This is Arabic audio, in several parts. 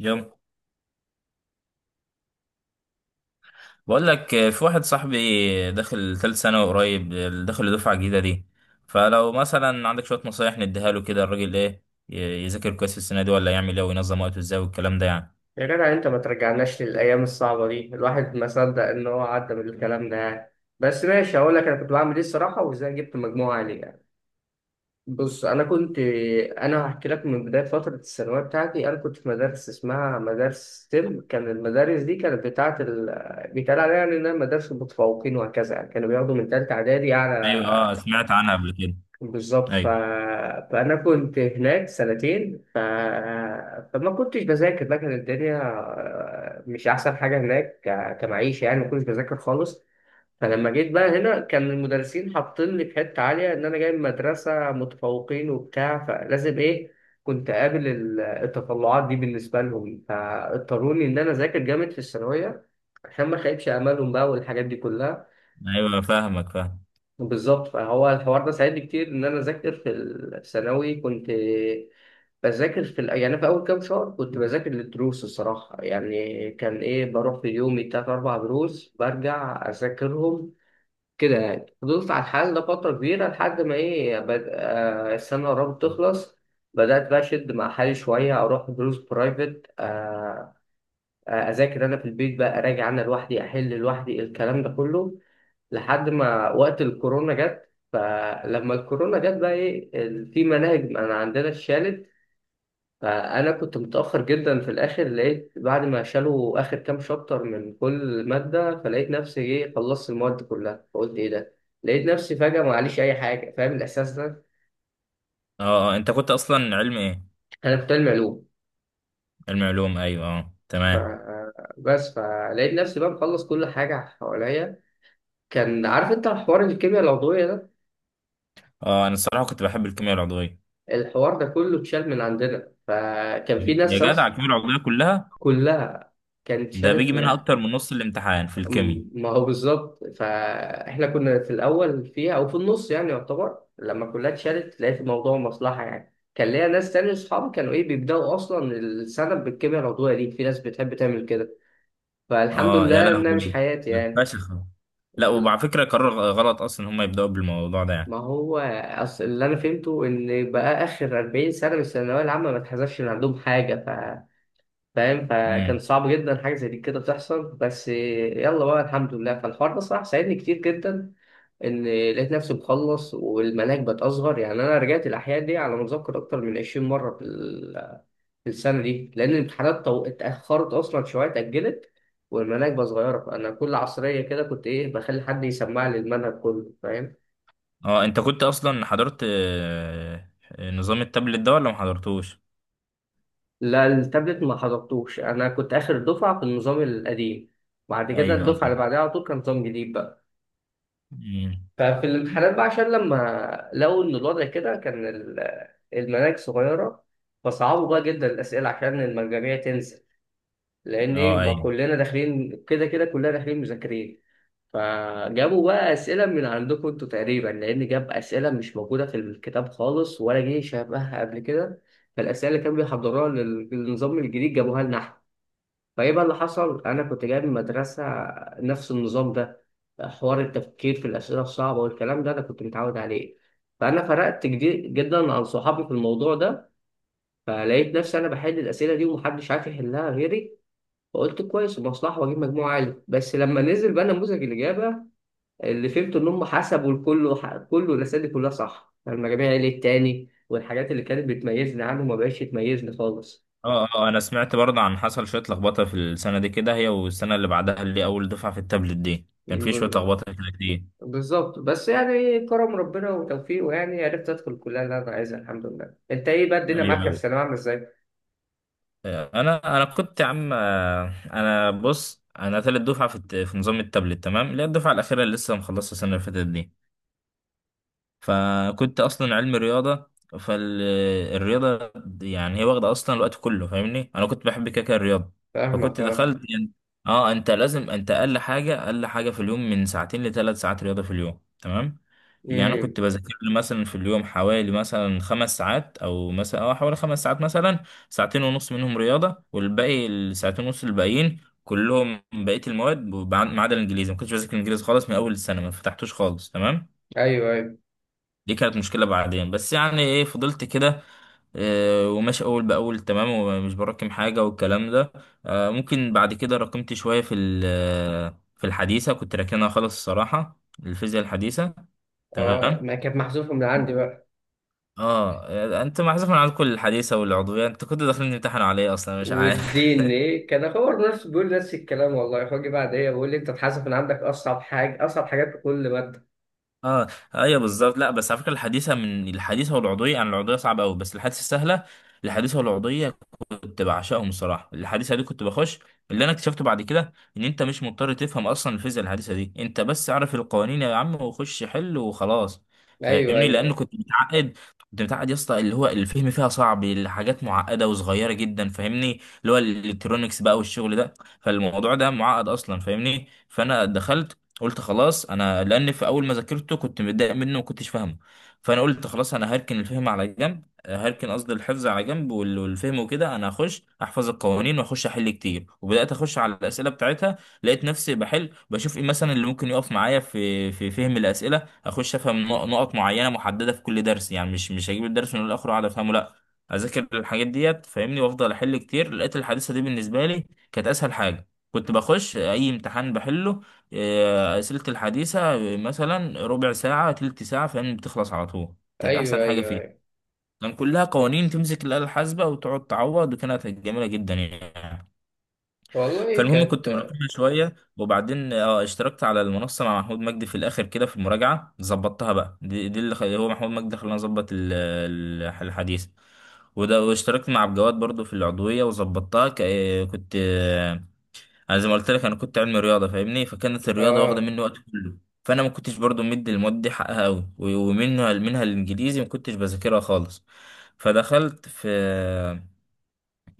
يلا، بقول لك في واحد صاحبي داخل ثالث ثانوي قريب، داخل دفعة جديدة دي. فلو مثلا عندك شوية نصايح نديها له كده، الراجل ايه، يذاكر كويس السنة دي ولا يعمل ايه وينظم وقته ازاي والكلام ده يعني؟ يا جدع يعني انت ما ترجعناش للايام الصعبه دي، الواحد ما صدق ان هو عدى من الكلام ده يعني. بس ماشي هقول لك انا كنت بعمل ايه الصراحه وازاي جبت مجموعه عاليه يعني. بص انا كنت، انا هحكي لك من بدايه فتره الثانويه بتاعتي. انا كنت في مدارس اسمها مدارس ستيم، كان المدارس دي كانت بتاعه بيتقال عليها يعني انها مدارس المتفوقين وهكذا يعني، كانوا بياخدوا من ثالثه اعدادي ايوه، اه، اعلى. سمعت عنها قبل كده. بالظبط ايوه، فأنا كنت هناك سنتين فما كنتش بذاكر بقى. كانت الدنيا مش أحسن حاجة هناك كمعيشة يعني، ما كنتش بذاكر خالص. فلما جيت بقى هنا كان المدرسين حاطين لي في حتة عالية إن أنا جاي من مدرسة متفوقين وبتاع، فلازم إيه، كنت أقابل التطلعات دي بالنسبة لهم، فاضطروني إن أنا أذاكر جامد في الثانوية عشان ما أخيبش أمالهم بقى والحاجات دي كلها. ايوه، فاهمك فاهم. بالظبط، فهو الحوار ده ساعدني كتير ان انا اذاكر في الثانوي. كنت بذاكر في يعني أنا في اول كام شهر كنت بذاكر للدروس الصراحه يعني، كان ايه، بروح في يومي تلات اربع دروس برجع اذاكرهم كده يعني. فضلت على الحال ده فتره كبيره لحد ما ايه، بد... آه السنه قربت تخلص، بدات بقى اشد مع حالي شويه، اروح دروس برايفت، اذاكر انا في البيت بقى، اراجع انا لوحدي، احل لوحدي الكلام ده كله لحد ما وقت الكورونا جت. فلما الكورونا جت بقى ايه، في مناهج انا عندنا اتشالت، فانا كنت متاخر جدا. في الاخر لقيت بعد ما شالوا اخر كام شابتر من كل ماده، فلقيت نفسي ايه، خلصت المواد كلها، فقلت ايه ده، لقيت نفسي فجاه معليش اي حاجه. فاهم الاحساس ده؟ اه، اه، انت كنت اصلا علم ايه؟ انا كنت علمي علوم. علم علوم، ايوه، اه، ف- تمام. بس فلقيت نفسي بقى مخلص كل حاجه حواليا. كان عارف انت حوار الكيمياء العضويه ده؟ اه، انا الصراحة كنت بحب الكيمياء العضوية. الحوار ده كله اتشال من عندنا، فكان في يا ناس، جدع الكيمياء العضوية كلها. كلها كانت ده بيجي شالت منها ما، اكتر من نص الامتحان في الكيمياء. ما هو بالظبط. فاحنا كنا في الاول فيها او في النص يعني يعتبر، لما كلها اتشالت لقيت الموضوع مصلحه يعني، كان ليا ناس تانية اصحابي كانوا ايه، بيبداوا اصلا السنه بالكيمياء العضويه دي، في ناس بتحب تعمل كده، فالحمد اه، يا لله انها مش لهوي، حياتي ده يعني. فشخ. لا، بس- وعلى فكرة قرار غلط اصلا ان هم يبدأوا بالموضوع ده ما يعني. هو اصل اللي انا فهمته ان بقى اخر 40 سنه من الثانويه العامه ما اتحذفش من عندهم حاجه، فاهم؟ فكان امم. صعب جدا حاجه زي دي كده تحصل، بس يلا بقى الحمد لله. فالحوار ده صراحه ساعدني كتير جدا، ان لقيت نفسي مخلص والمناهج بقت اصغر يعني. انا رجعت الاحياء دي على ما اتذكر اكتر من 20 مره في في السنه دي لان الامتحانات اتاخرت اصلا شويه، اتاجلت والمناهج بقت صغيره، فانا كل عصريه كده كنت ايه، بخلي حد يسمع لي المنهج كله، فاهم؟ اه، انت كنت اصلا حضرت نظام التابلت ده ولا ما حضرتوش؟ لا التابلت ما حضرتوش، انا كنت اخر دفعه في النظام القديم، بعد كده ايوه، اه، الدفعه اللي بعدها على طول كان نظام جديد. مم. ففي الامتحانات بقى عشان لما لقوا إن الوضع كده، كان المناهج صغيرة، فصعبوا بقى جدا الأسئلة عشان المجاميع تنزل، لأن إيه، اه، ما ايوه. كلنا داخلين كده كده كلنا داخلين مذاكرين. فجابوا بقى أسئلة من عندكم أنتوا تقريبا، لأن جاب أسئلة مش موجودة في الكتاب خالص ولا جه شبهها قبل كده. فالأسئلة اللي كانوا بيحضروها للنظام الجديد جابوها لنا إحنا. فايه بقى اللي حصل، انا كنت جاي من مدرسه نفس النظام ده، حوار التفكير في الاسئله الصعبه والكلام ده انا كنت متعود عليه، فانا فرقت كتير جدا عن صحابي في الموضوع ده. فلقيت نفسي انا بحل الاسئله دي ومحدش عارف يحلها غيري، فقلت كويس مصلحه واجيب مجموع عالي. بس لما نزل بقى نموذج الاجابه اللي فهمت ان هم حسبوا الكل، كله الاسئله دي كلها صح، فالمجاميع عالي التاني، والحاجات اللي كانت بتميزني عنه ما بقتش تميزني خالص. اه، اه، انا سمعت برضه عن حصل شوية لخبطة في السنة دي، كده هي والسنة اللي بعدها اللي اول دفعة في التابلت دي كان في شوية لخبطة كده كتير. بالظبط، بس يعني كرم ربنا وتوفيقه يعني، عرفت ادخل الكليه اللي انا عايزها الحمد لله. انت ايه بقى، الدنيا ايوه، معاك في ايوه، الثانويه عامله ازاي؟ انا كنت يا عم، انا بص انا تالت دفعة في نظام التابلت، تمام، اللي هي الدفعة الأخيرة اللي لسه مخلصة السنة اللي فاتت دي. فكنت اصلا علم رياضه. فالرياضه يعني هي واخده اصلا الوقت كله فاهمني، انا كنت بحب كاكا الرياضه، فكنت فاهمك اه. دخلت يعني. اه، انت لازم، انت اقل حاجه اقل حاجه في اليوم من ساعتين لثلاث ساعات رياضه في اليوم، تمام. يعني انا امم. كنت بذاكر لي مثلا في اليوم حوالي مثلا 5 ساعات، او مثلا حوالي 5 ساعات مثلا. ساعتين ونص منهم رياضه، والباقي الساعتين ونص الباقيين كلهم بقيه المواد، ما عدا الانجليزي ما كنتش بذاكر الانجليزي خالص، من اول السنه ما فتحتوش خالص، تمام. ايوه ايوه. دي كانت مشكلة بعدين، بس يعني ايه فضلت كده. وماشي اول باول، تمام، ومش براكم حاجة والكلام ده. ممكن بعد كده راكمت شوية في الحديثة، كنت راكنها خالص الصراحة. الفيزياء الحديثة. اه، تمام. ما كانت محذوفه من عندي بقى. اه، انت محذوف من عندكم الحديثة والعضوية، انت كنت داخلين تمتحنوا على ايه اصلا مش عارف؟ والدين ايه كان اخبر نفسه بيقول نفس الكلام والله، فاجي بعد ايه بيقول لي انت اتحذف من عندك اصعب حاجه، اصعب حاجات في كل ماده. اه، ايوه، بالظبط. لا بس على فكرة الحديثة، من الحديثة والعضوية يعني، العضوية صعبة قوي بس الحديثة سهلة. الحديثة والعضوية كنت بعشقهم الصراحه. الحديثه دي كنت بخش، اللي انا اكتشفته بعد كده ان انت مش مضطر تفهم اصلا الفيزياء الحديثه دي، انت بس اعرف القوانين يا عم وخش حل وخلاص. ايوه فاهمني، ايوه لان ايوه. كنت متعقد، كنت متعقد يا اسطى، اللي هو الفهم فيها صعب، الحاجات معقده وصغيره جدا فاهمني، اللي هو الالكترونكس بقى والشغل ده. فالموضوع ده معقد اصلا فاهمني. فانا دخلت قلت خلاص انا، لان في اول ما ذاكرته كنت متضايق منه وما كنتش فاهمه. فانا قلت خلاص انا هركن الفهم على جنب، هركن قصدي الحفظ على جنب، والفهم وكده انا هخش احفظ القوانين واخش احل كتير، وبدات اخش على الاسئله بتاعتها. لقيت نفسي بحل، بشوف ايه مثلا اللي ممكن يقف معايا في فهم الاسئله، اخش افهم نقط معينه محدده في كل درس يعني، مش هجيب الدرس من الاخر واقعد افهمه، لا. اذاكر الحاجات ديت فاهمني، وافضل احل كتير، لقيت الحادثه دي بالنسبه لي كانت اسهل حاجه، كنت بخش اي امتحان بحله. اسئله الحديثه، مثلا ربع ساعه تلت ساعه فاهمني بتخلص على طول. كانت احسن ايوه حاجه ايوه, فيه. أيوة. كان كلها قوانين، تمسك الآلة الحاسبة وتقعد تعوض، وكانت جميلة جدا يعني. والله فالمهم كنت كانت. مراقبها شوية، وبعدين اشتركت على المنصة مع محمود مجدي في الآخر كده في المراجعة، ظبطتها بقى، دي هو محمود مجدي خلاني أظبط الحديث. وده، واشتركت مع عبد الجواد برضو في العضوية وظبطتها كنت. انا زي ما قلت لك، انا كنت علمي رياضه فاهمني، فكانت الرياضه واخده اه مني وقت كله. فانا ما كنتش برضو مدي المواد دي حقها قوي، ومنها الانجليزي ما كنتش بذاكرها خالص. فدخلت في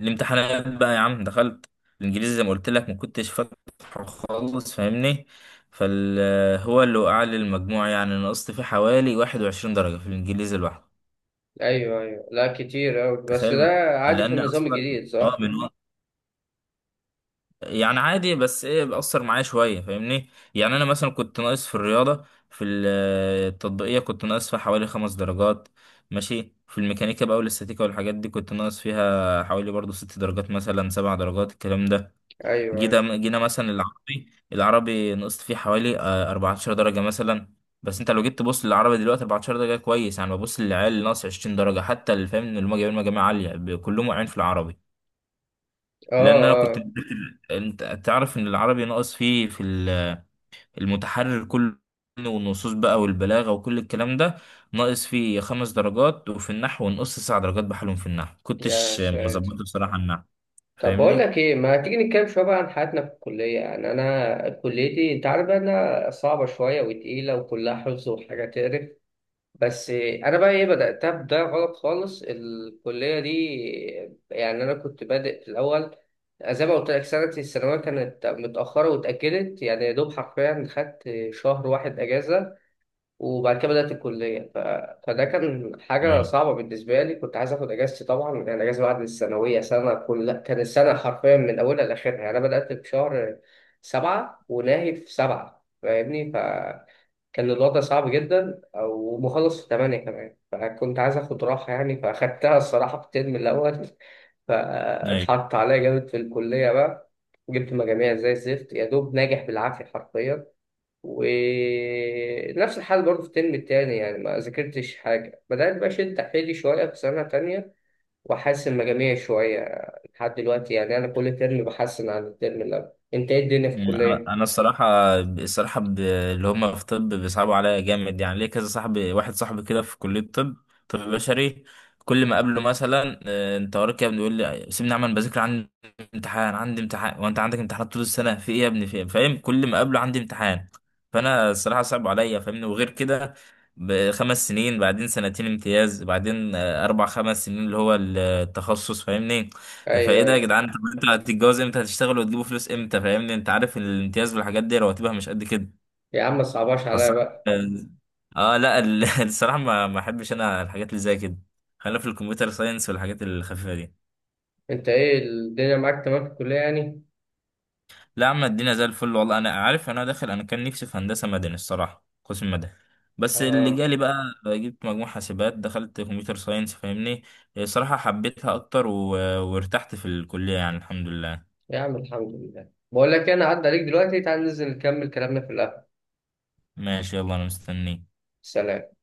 الامتحانات بقى يا عم، دخلت الانجليزي زي ما قلت لك ما كنتش فاتحه خالص فاهمني، فال هو اللي وقع لي المجموع يعني، نقصت فيه حوالي 21 درجه في الانجليزي لوحده. ايوه ايوه، لا كتير اوي بس تخيل ده من، عادي في لان النظام اصلا الجديد صح. من، يعني عادي بس ايه بأثر معايا شوية فاهمني، يعني انا مثلا كنت ناقص في الرياضة، التطبيقية كنت ناقص فيها حوالي 5 درجات، ماشي. في الميكانيكا بقى والاستاتيكا والحاجات دي كنت ناقص فيها حوالي برضو 6 درجات، مثلا 7 درجات الكلام ده. ايوه ايوه. جينا مثلا العربي العربي نقصت فيه حوالي 14 درجة مثلا. بس انت لو جيت تبص للعربي دلوقتي 14 درجة كويس يعني، ببص للعيال اللي ناقص 20 درجة حتى، اللي فاهم ان هم جايبين مجاميع عالية كلهم واقعين في العربي. لان اه انا كنت اه. انت تعرف ان العربي ناقص فيه المتحرر كله والنصوص بقى والبلاغه وكل الكلام ده، ناقص فيه 5 درجات، وفي النحو نقص 9 درجات بحالهم، في النحو يا كنتش ساتر. مظبطه بصراحه النحو طب بقول فاهمني. لك ايه، ما تيجي نتكلم شويه بقى عن حياتنا في الكليه. يعني انا كليتي انت عارف بقى انها صعبه شويه وتقيله وكلها حفظ وحاجه تقرف، بس انا بقى ايه، بداتها بدايه غلط خالص الكليه دي. يعني انا كنت بادئ في الاول زي ما قلت لك سنه الثانويه كانت متاخره واتاجلت يعني، يا دوب حرفيا خدت شهر واحد اجازه وبعد كده بدأت الكلية. فده كان حاجة ايوه، صعبة بالنسبة لي، كنت عايز آخد أجازتي طبعا، لأن الأجازة بعد الثانوية سنة كل، كان السنة حرفيا من أولها لآخرها. يعني أنا بدأت في شهر سبعة وناهي في سبعة فاهمني، فكان الوضع صعب جدا ومخلص في تمانية كمان، فكنت عايز آخد راحة يعني، فأخدتها الصراحة في الترم الأول. ايوه. فاتحط عليا جامد في الكلية بقى، جبت مجاميع زي الزفت، يا دوب ناجح بالعافية حرفيا. ونفس الحال برضه في الترم التاني، يعني ما ذاكرتش حاجة. بدأت بقى أشد حيلي شوية في سنة تانية وأحسن مجاميع شوية لحد دلوقتي، يعني أنا كل ترم بحسن عن الترم اللي قبل. أنت إيه الدنيا في يعني انا الكلية؟ أنا الصراحه اللي هم في طب بيصعبوا عليا جامد يعني، ليه كذا صاحبي، واحد صاحبي كده في كليه طب، طب بشري. كل ما اقابله مثلا انت وراك إيه يا ابني؟ يقول لي سيبني اعمل بذاكر، عندي امتحان عندي امتحان، وانت عندك امتحانات طول السنه في ايه يا ابني في إيه؟ فاهم، كل ما اقابله عندي امتحان. فانا الصراحه صعب عليا فاهمني، وغير كده بخمس سنين بعدين سنتين امتياز بعدين اربع خمس سنين اللي هو التخصص فاهمني. فايه أيوه ده يا أيوه. جدعان؟ طب انتوا هتتجوز امتى، هتشتغلوا وتجيبوا فلوس امتى؟ فاهمني انت عارف الامتياز والحاجات دي رواتبها مش قد كده. يا عم ما تصعبهاش بس، عليا بقى. اه، لا، الصراحه ما احبش انا الحاجات اللي زي كده. خلينا في الكمبيوتر ساينس والحاجات الخفيفه دي. أنت إيه الدنيا معاك تمام في الكلية يعني؟ لا يا عم الدنيا زي الفل والله. انا عارف انا داخل، انا كان نفسي في هندسه مدني الصراحه، قسم مدني، بس اللي آه. جالي بقى، جبت مجموع حاسبات دخلت كمبيوتر ساينس فاهمني. الصراحه حبيتها اكتر وارتحت في الكليه يعني الحمد لله. يا عم الحمد لله. بقول لك إيه، أنا عدى عليك دلوقتي، تعال ننزل نكمل كلامنا في القهوة. ماشي، يلا، انا مستنيك. سلام.